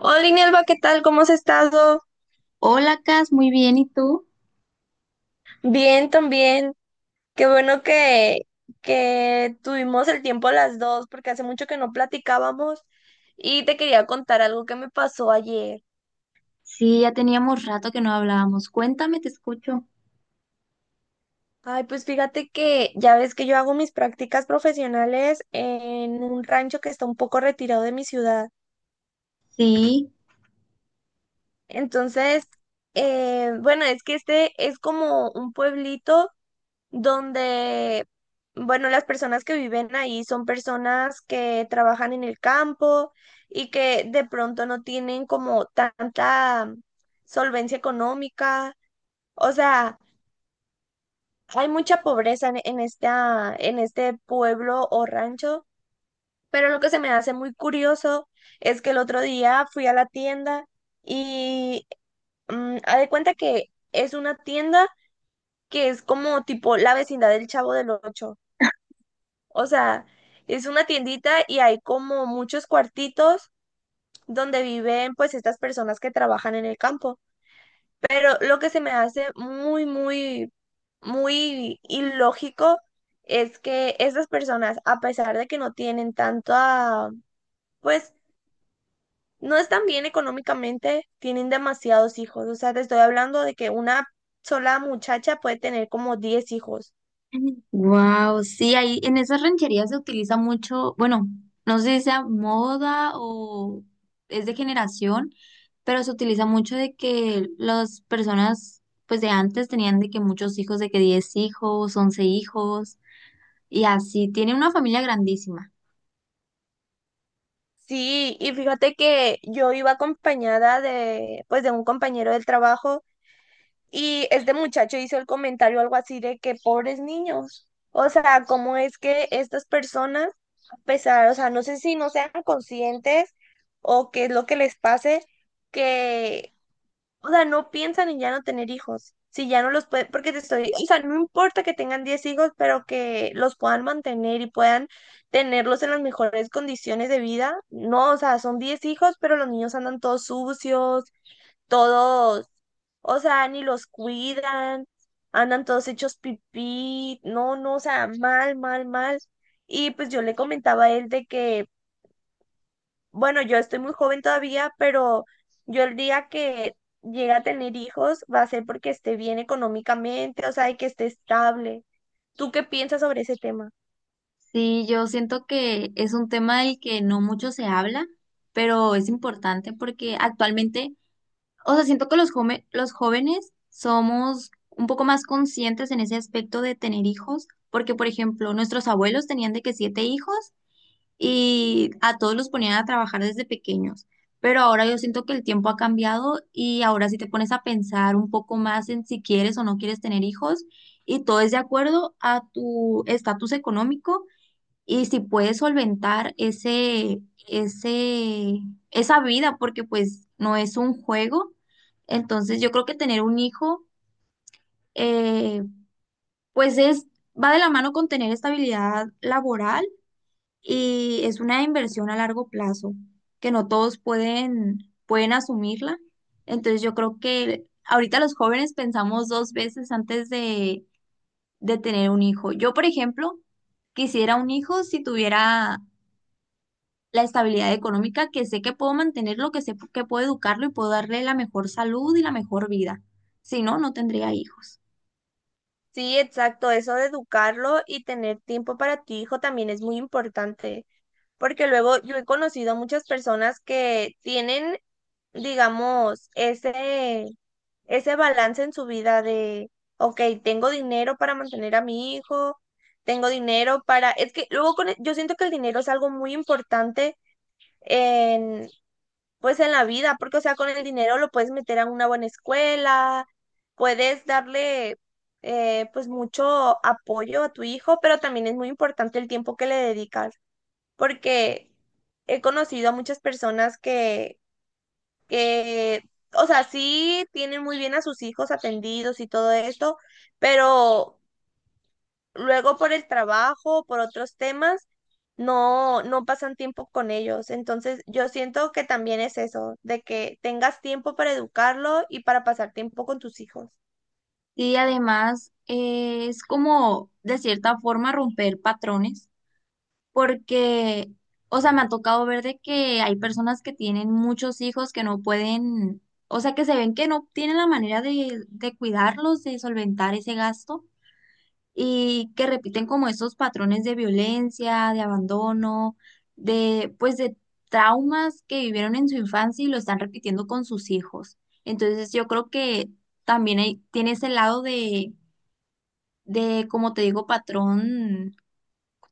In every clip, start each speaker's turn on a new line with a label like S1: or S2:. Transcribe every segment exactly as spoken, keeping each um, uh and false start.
S1: Hola, Inelva, ¿qué tal? ¿Cómo has estado?
S2: Hola, Cas, muy bien, ¿y tú?
S1: Bien, también. Qué bueno que, que tuvimos el tiempo las dos, porque hace mucho que no platicábamos y te quería contar algo que me pasó ayer.
S2: Sí, ya teníamos rato que no hablábamos. Cuéntame, te escucho.
S1: Ay, pues fíjate que ya ves que yo hago mis prácticas profesionales en un rancho que está un poco retirado de mi ciudad.
S2: Sí,
S1: Entonces, eh, bueno, es que este es como un pueblito donde, bueno, las personas que viven ahí son personas que trabajan en el campo y que de pronto no tienen como tanta solvencia económica. O sea, hay mucha pobreza en, en esta, en este pueblo o rancho, pero lo que se me hace muy curioso es que el otro día fui a la tienda y mm, haz de cuenta que es una tienda que es como tipo la vecindad del Chavo del Ocho. O sea, es una tiendita y hay como muchos cuartitos donde viven pues estas personas que trabajan en el campo. Pero lo que se me hace muy, muy, muy ilógico es que estas personas, a pesar de que no tienen tanta, pues no están bien económicamente, tienen demasiados hijos. O sea, te estoy hablando de que una sola muchacha puede tener como diez hijos.
S2: wow, sí, ahí en esas rancherías se utiliza mucho, bueno, no sé si sea moda o es de generación, pero se utiliza mucho de que las personas, pues de antes tenían de que muchos hijos, de que diez hijos, once hijos, y así, tiene una familia grandísima.
S1: Sí, y fíjate que yo iba acompañada de, pues, de un compañero del trabajo y este muchacho hizo el comentario algo así de que pobres niños, o sea, cómo es que estas personas, a pesar, o sea, no sé si no sean conscientes o qué es lo que les pase, que o sea, no piensan en ya no tener hijos. Si ya no los pueden, porque te estoy, o sea, no importa que tengan diez hijos, pero que los puedan mantener y puedan tenerlos en las mejores condiciones de vida. No, o sea, son diez hijos, pero los niños andan todos sucios, todos, o sea, ni los cuidan, andan todos hechos pipí, no, no, o sea, mal, mal, mal. Y pues yo le comentaba a él de que bueno, yo estoy muy joven todavía, pero yo el día que llegue a tener hijos va a ser porque esté bien económicamente, o sea, y que esté estable. ¿Tú qué piensas sobre ese tema?
S2: Sí, yo siento que es un tema del que no mucho se habla, pero es importante porque actualmente, o sea, siento que los jome- los jóvenes somos un poco más conscientes en ese aspecto de tener hijos, porque por ejemplo, nuestros abuelos tenían de que siete hijos y a todos los ponían a trabajar desde pequeños, pero ahora yo siento que el tiempo ha cambiado y ahora si te pones a pensar un poco más en si quieres o no quieres tener hijos y todo es de acuerdo a tu estatus económico y si puedes solventar ese, ese, esa vida, porque pues no es un juego. Entonces yo creo que tener un hijo, eh, pues es, va de la mano con tener estabilidad laboral y es una inversión a largo plazo, que no todos pueden, pueden asumirla. Entonces yo creo que ahorita los jóvenes pensamos dos veces antes de, de tener un hijo. Yo, por ejemplo, quisiera un hijo si tuviera la estabilidad económica, que sé que puedo mantenerlo, que sé que puedo educarlo y puedo darle la mejor salud y la mejor vida. Si no, no tendría hijos.
S1: Sí, exacto, eso de educarlo y tener tiempo para tu hijo también es muy importante, porque luego yo he conocido a muchas personas que tienen digamos, ese, ese balance en su vida de, ok, tengo dinero para mantener a mi hijo, tengo dinero para, es que luego con, el- yo siento que el dinero es algo muy importante en, pues en la vida, porque o sea, con el dinero lo puedes meter a una buena escuela, puedes darle eh, pues mucho apoyo a tu hijo, pero también es muy importante el tiempo que le dedicas, porque he conocido a muchas personas que, o sea, sí tienen muy bien a sus hijos atendidos y todo esto, pero luego por el trabajo, por otros temas, no, no pasan tiempo con ellos. Entonces, yo siento que también es eso, de que tengas tiempo para educarlo y para pasar tiempo con tus hijos.
S2: Y además eh, es como, de cierta forma, romper patrones, porque, o sea, me ha tocado ver de que hay personas que tienen muchos hijos que no pueden, o sea, que se ven que no tienen la manera de, de cuidarlos, de solventar ese gasto, y que repiten como esos patrones de violencia, de abandono, de pues de traumas que vivieron en su infancia y lo están repitiendo con sus hijos. Entonces yo creo que también hay, tiene ese lado de, de, como te digo, patrón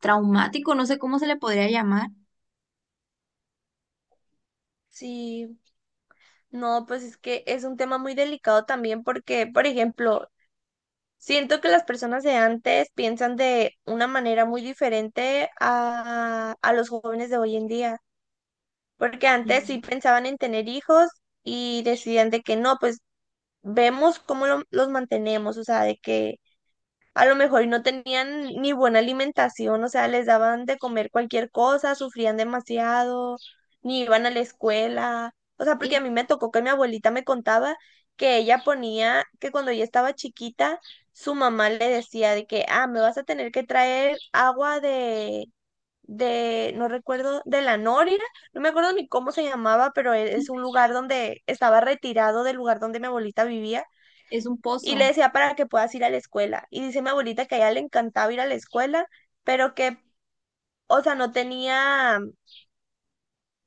S2: traumático, no sé cómo se le podría llamar.
S1: Sí, no, pues es que es un tema muy delicado también porque, por ejemplo, siento que las personas de antes piensan de una manera muy diferente a, a los jóvenes de hoy en día. Porque antes
S2: Y,
S1: sí pensaban en tener hijos y decidían de que no, pues vemos cómo lo- los mantenemos, o sea, de que a lo mejor no tenían ni buena alimentación, o sea, les daban de comer cualquier cosa, sufrían demasiado, ni iban a la escuela, o sea, porque
S2: y
S1: a mí me tocó que mi abuelita me contaba que ella ponía, que cuando ella estaba chiquita, su mamá le decía de que, ah, me vas a tener que traer agua de de, no recuerdo, de la Nórida, no me acuerdo ni cómo se llamaba, pero e- es un lugar donde estaba retirado del lugar donde mi abuelita vivía
S2: es un
S1: y
S2: pozo.
S1: le decía para que puedas ir a la escuela. Y dice mi abuelita que a ella le encantaba ir a la escuela, pero que, o sea, no tenía,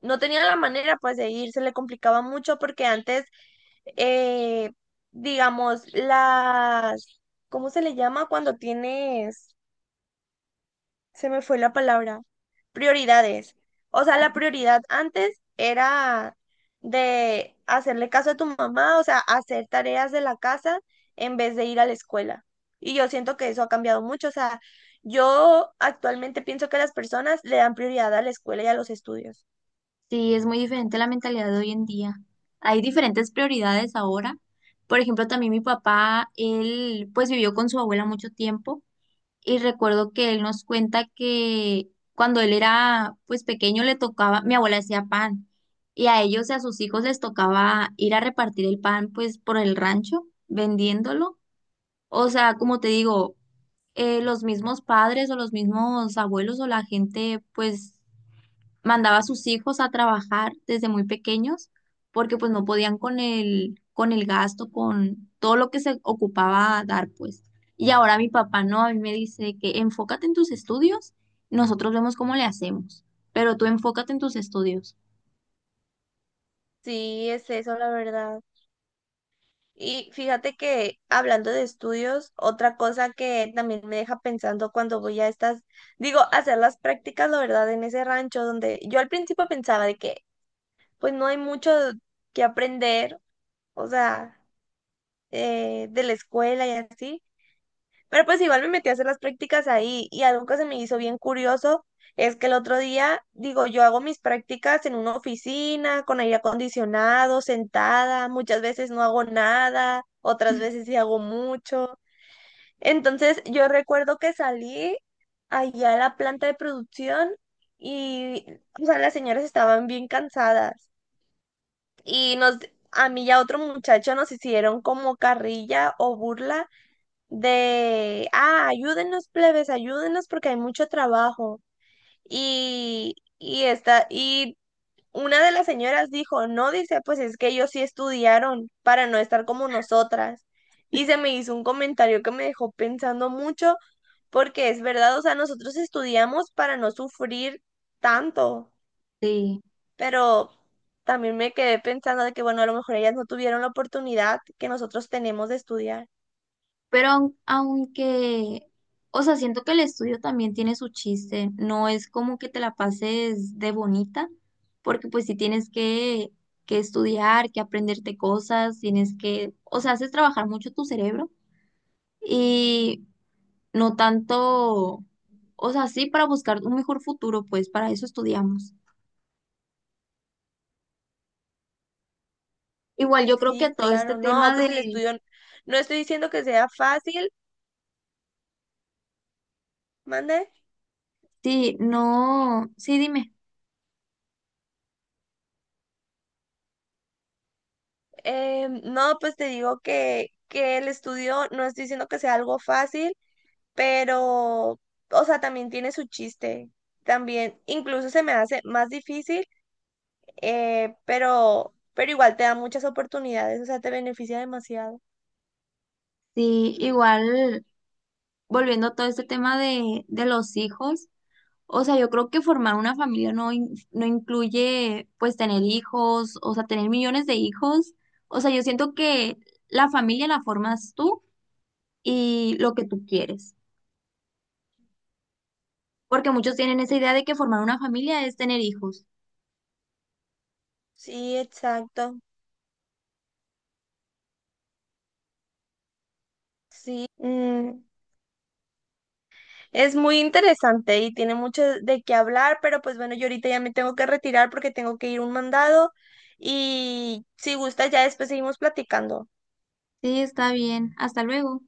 S1: no tenía la manera pues de ir, se le complicaba mucho porque antes, eh, digamos, las, ¿cómo se le llama cuando tienes? Se me fue la palabra, prioridades. O sea, la prioridad antes era de hacerle caso a tu mamá, o sea, hacer tareas de la casa en vez de ir a la escuela. Y yo siento que eso ha cambiado mucho. O sea, yo actualmente pienso que las personas le dan prioridad a la escuela y a los estudios.
S2: Sí, es muy diferente la mentalidad de hoy en día. Hay diferentes prioridades ahora. Por ejemplo, también mi papá, él pues vivió con su abuela mucho tiempo. Y recuerdo que él nos cuenta que cuando él era pues pequeño le tocaba, mi abuela hacía pan y a ellos y a sus hijos les tocaba ir a repartir el pan pues por el rancho vendiéndolo. O sea, como te digo, eh, los mismos padres o los mismos abuelos o la gente pues mandaba a sus hijos a trabajar desde muy pequeños porque pues no podían con el, con el, gasto, con todo lo que se ocupaba a dar pues. Y ahora mi papá no, a mí me dice que enfócate en tus estudios, nosotros vemos cómo le hacemos, pero tú enfócate en tus estudios.
S1: Sí, es eso, la verdad. Y fíjate que hablando de estudios, otra cosa que también me deja pensando cuando voy a estas, digo, a hacer las prácticas, la verdad, en ese rancho donde yo al principio pensaba de que pues no hay mucho que aprender, o sea, eh, de la escuela y así, pero pues igual me metí a hacer las prácticas ahí y algo que se me hizo bien curioso es que el otro día, digo, yo hago mis prácticas en una oficina con aire acondicionado, sentada, muchas veces no hago nada, otras veces sí hago mucho. Entonces yo recuerdo que salí allá a la planta de producción y, o sea, las señoras estaban bien cansadas y nos, a mí y a otro muchacho nos hicieron como carrilla o burla de, ah, ayúdennos plebes, ayúdennos porque hay mucho trabajo. Y, y esta, y una de las señoras dijo, no, dice, pues es que ellos sí estudiaron para no estar como nosotras. Y se me hizo un comentario que me dejó pensando mucho, porque es verdad, o sea, nosotros estudiamos para no sufrir tanto,
S2: Sí.
S1: pero también me quedé pensando de que, bueno, a lo mejor ellas no tuvieron la oportunidad que nosotros tenemos de estudiar.
S2: Pero aun- aunque, o sea, siento que el estudio también tiene su chiste, no es como que te la pases de bonita, porque pues si tienes que, que estudiar, que aprenderte cosas, tienes que, o sea, haces trabajar mucho tu cerebro y no tanto, o sea, sí para buscar un mejor futuro, pues para eso estudiamos. Igual yo creo que
S1: Sí,
S2: todo este
S1: claro, no,
S2: tema
S1: pues el
S2: de,
S1: estudio, no estoy diciendo que sea fácil, mande.
S2: sí, no, sí, dime,
S1: Eh, no, pues te digo que, que el estudio, no estoy diciendo que sea algo fácil, pero, o sea, también tiene su chiste. También, incluso se me hace más difícil, eh, pero, pero igual te da muchas oportunidades, o sea, te beneficia demasiado.
S2: sí, igual volviendo a todo este tema de, de los hijos. O sea, yo creo que formar una familia no, in- no incluye pues tener hijos, o sea, tener millones de hijos. O sea, yo siento que la familia la formas tú y lo que tú quieres. Porque muchos tienen esa idea de que formar una familia es tener hijos.
S1: Sí, exacto. Sí. Mm, Es muy interesante y tiene mucho de qué hablar, pero pues bueno, yo ahorita ya me tengo que retirar porque tengo que ir a un mandado y si gusta ya después seguimos platicando.
S2: Sí, está bien. Hasta luego.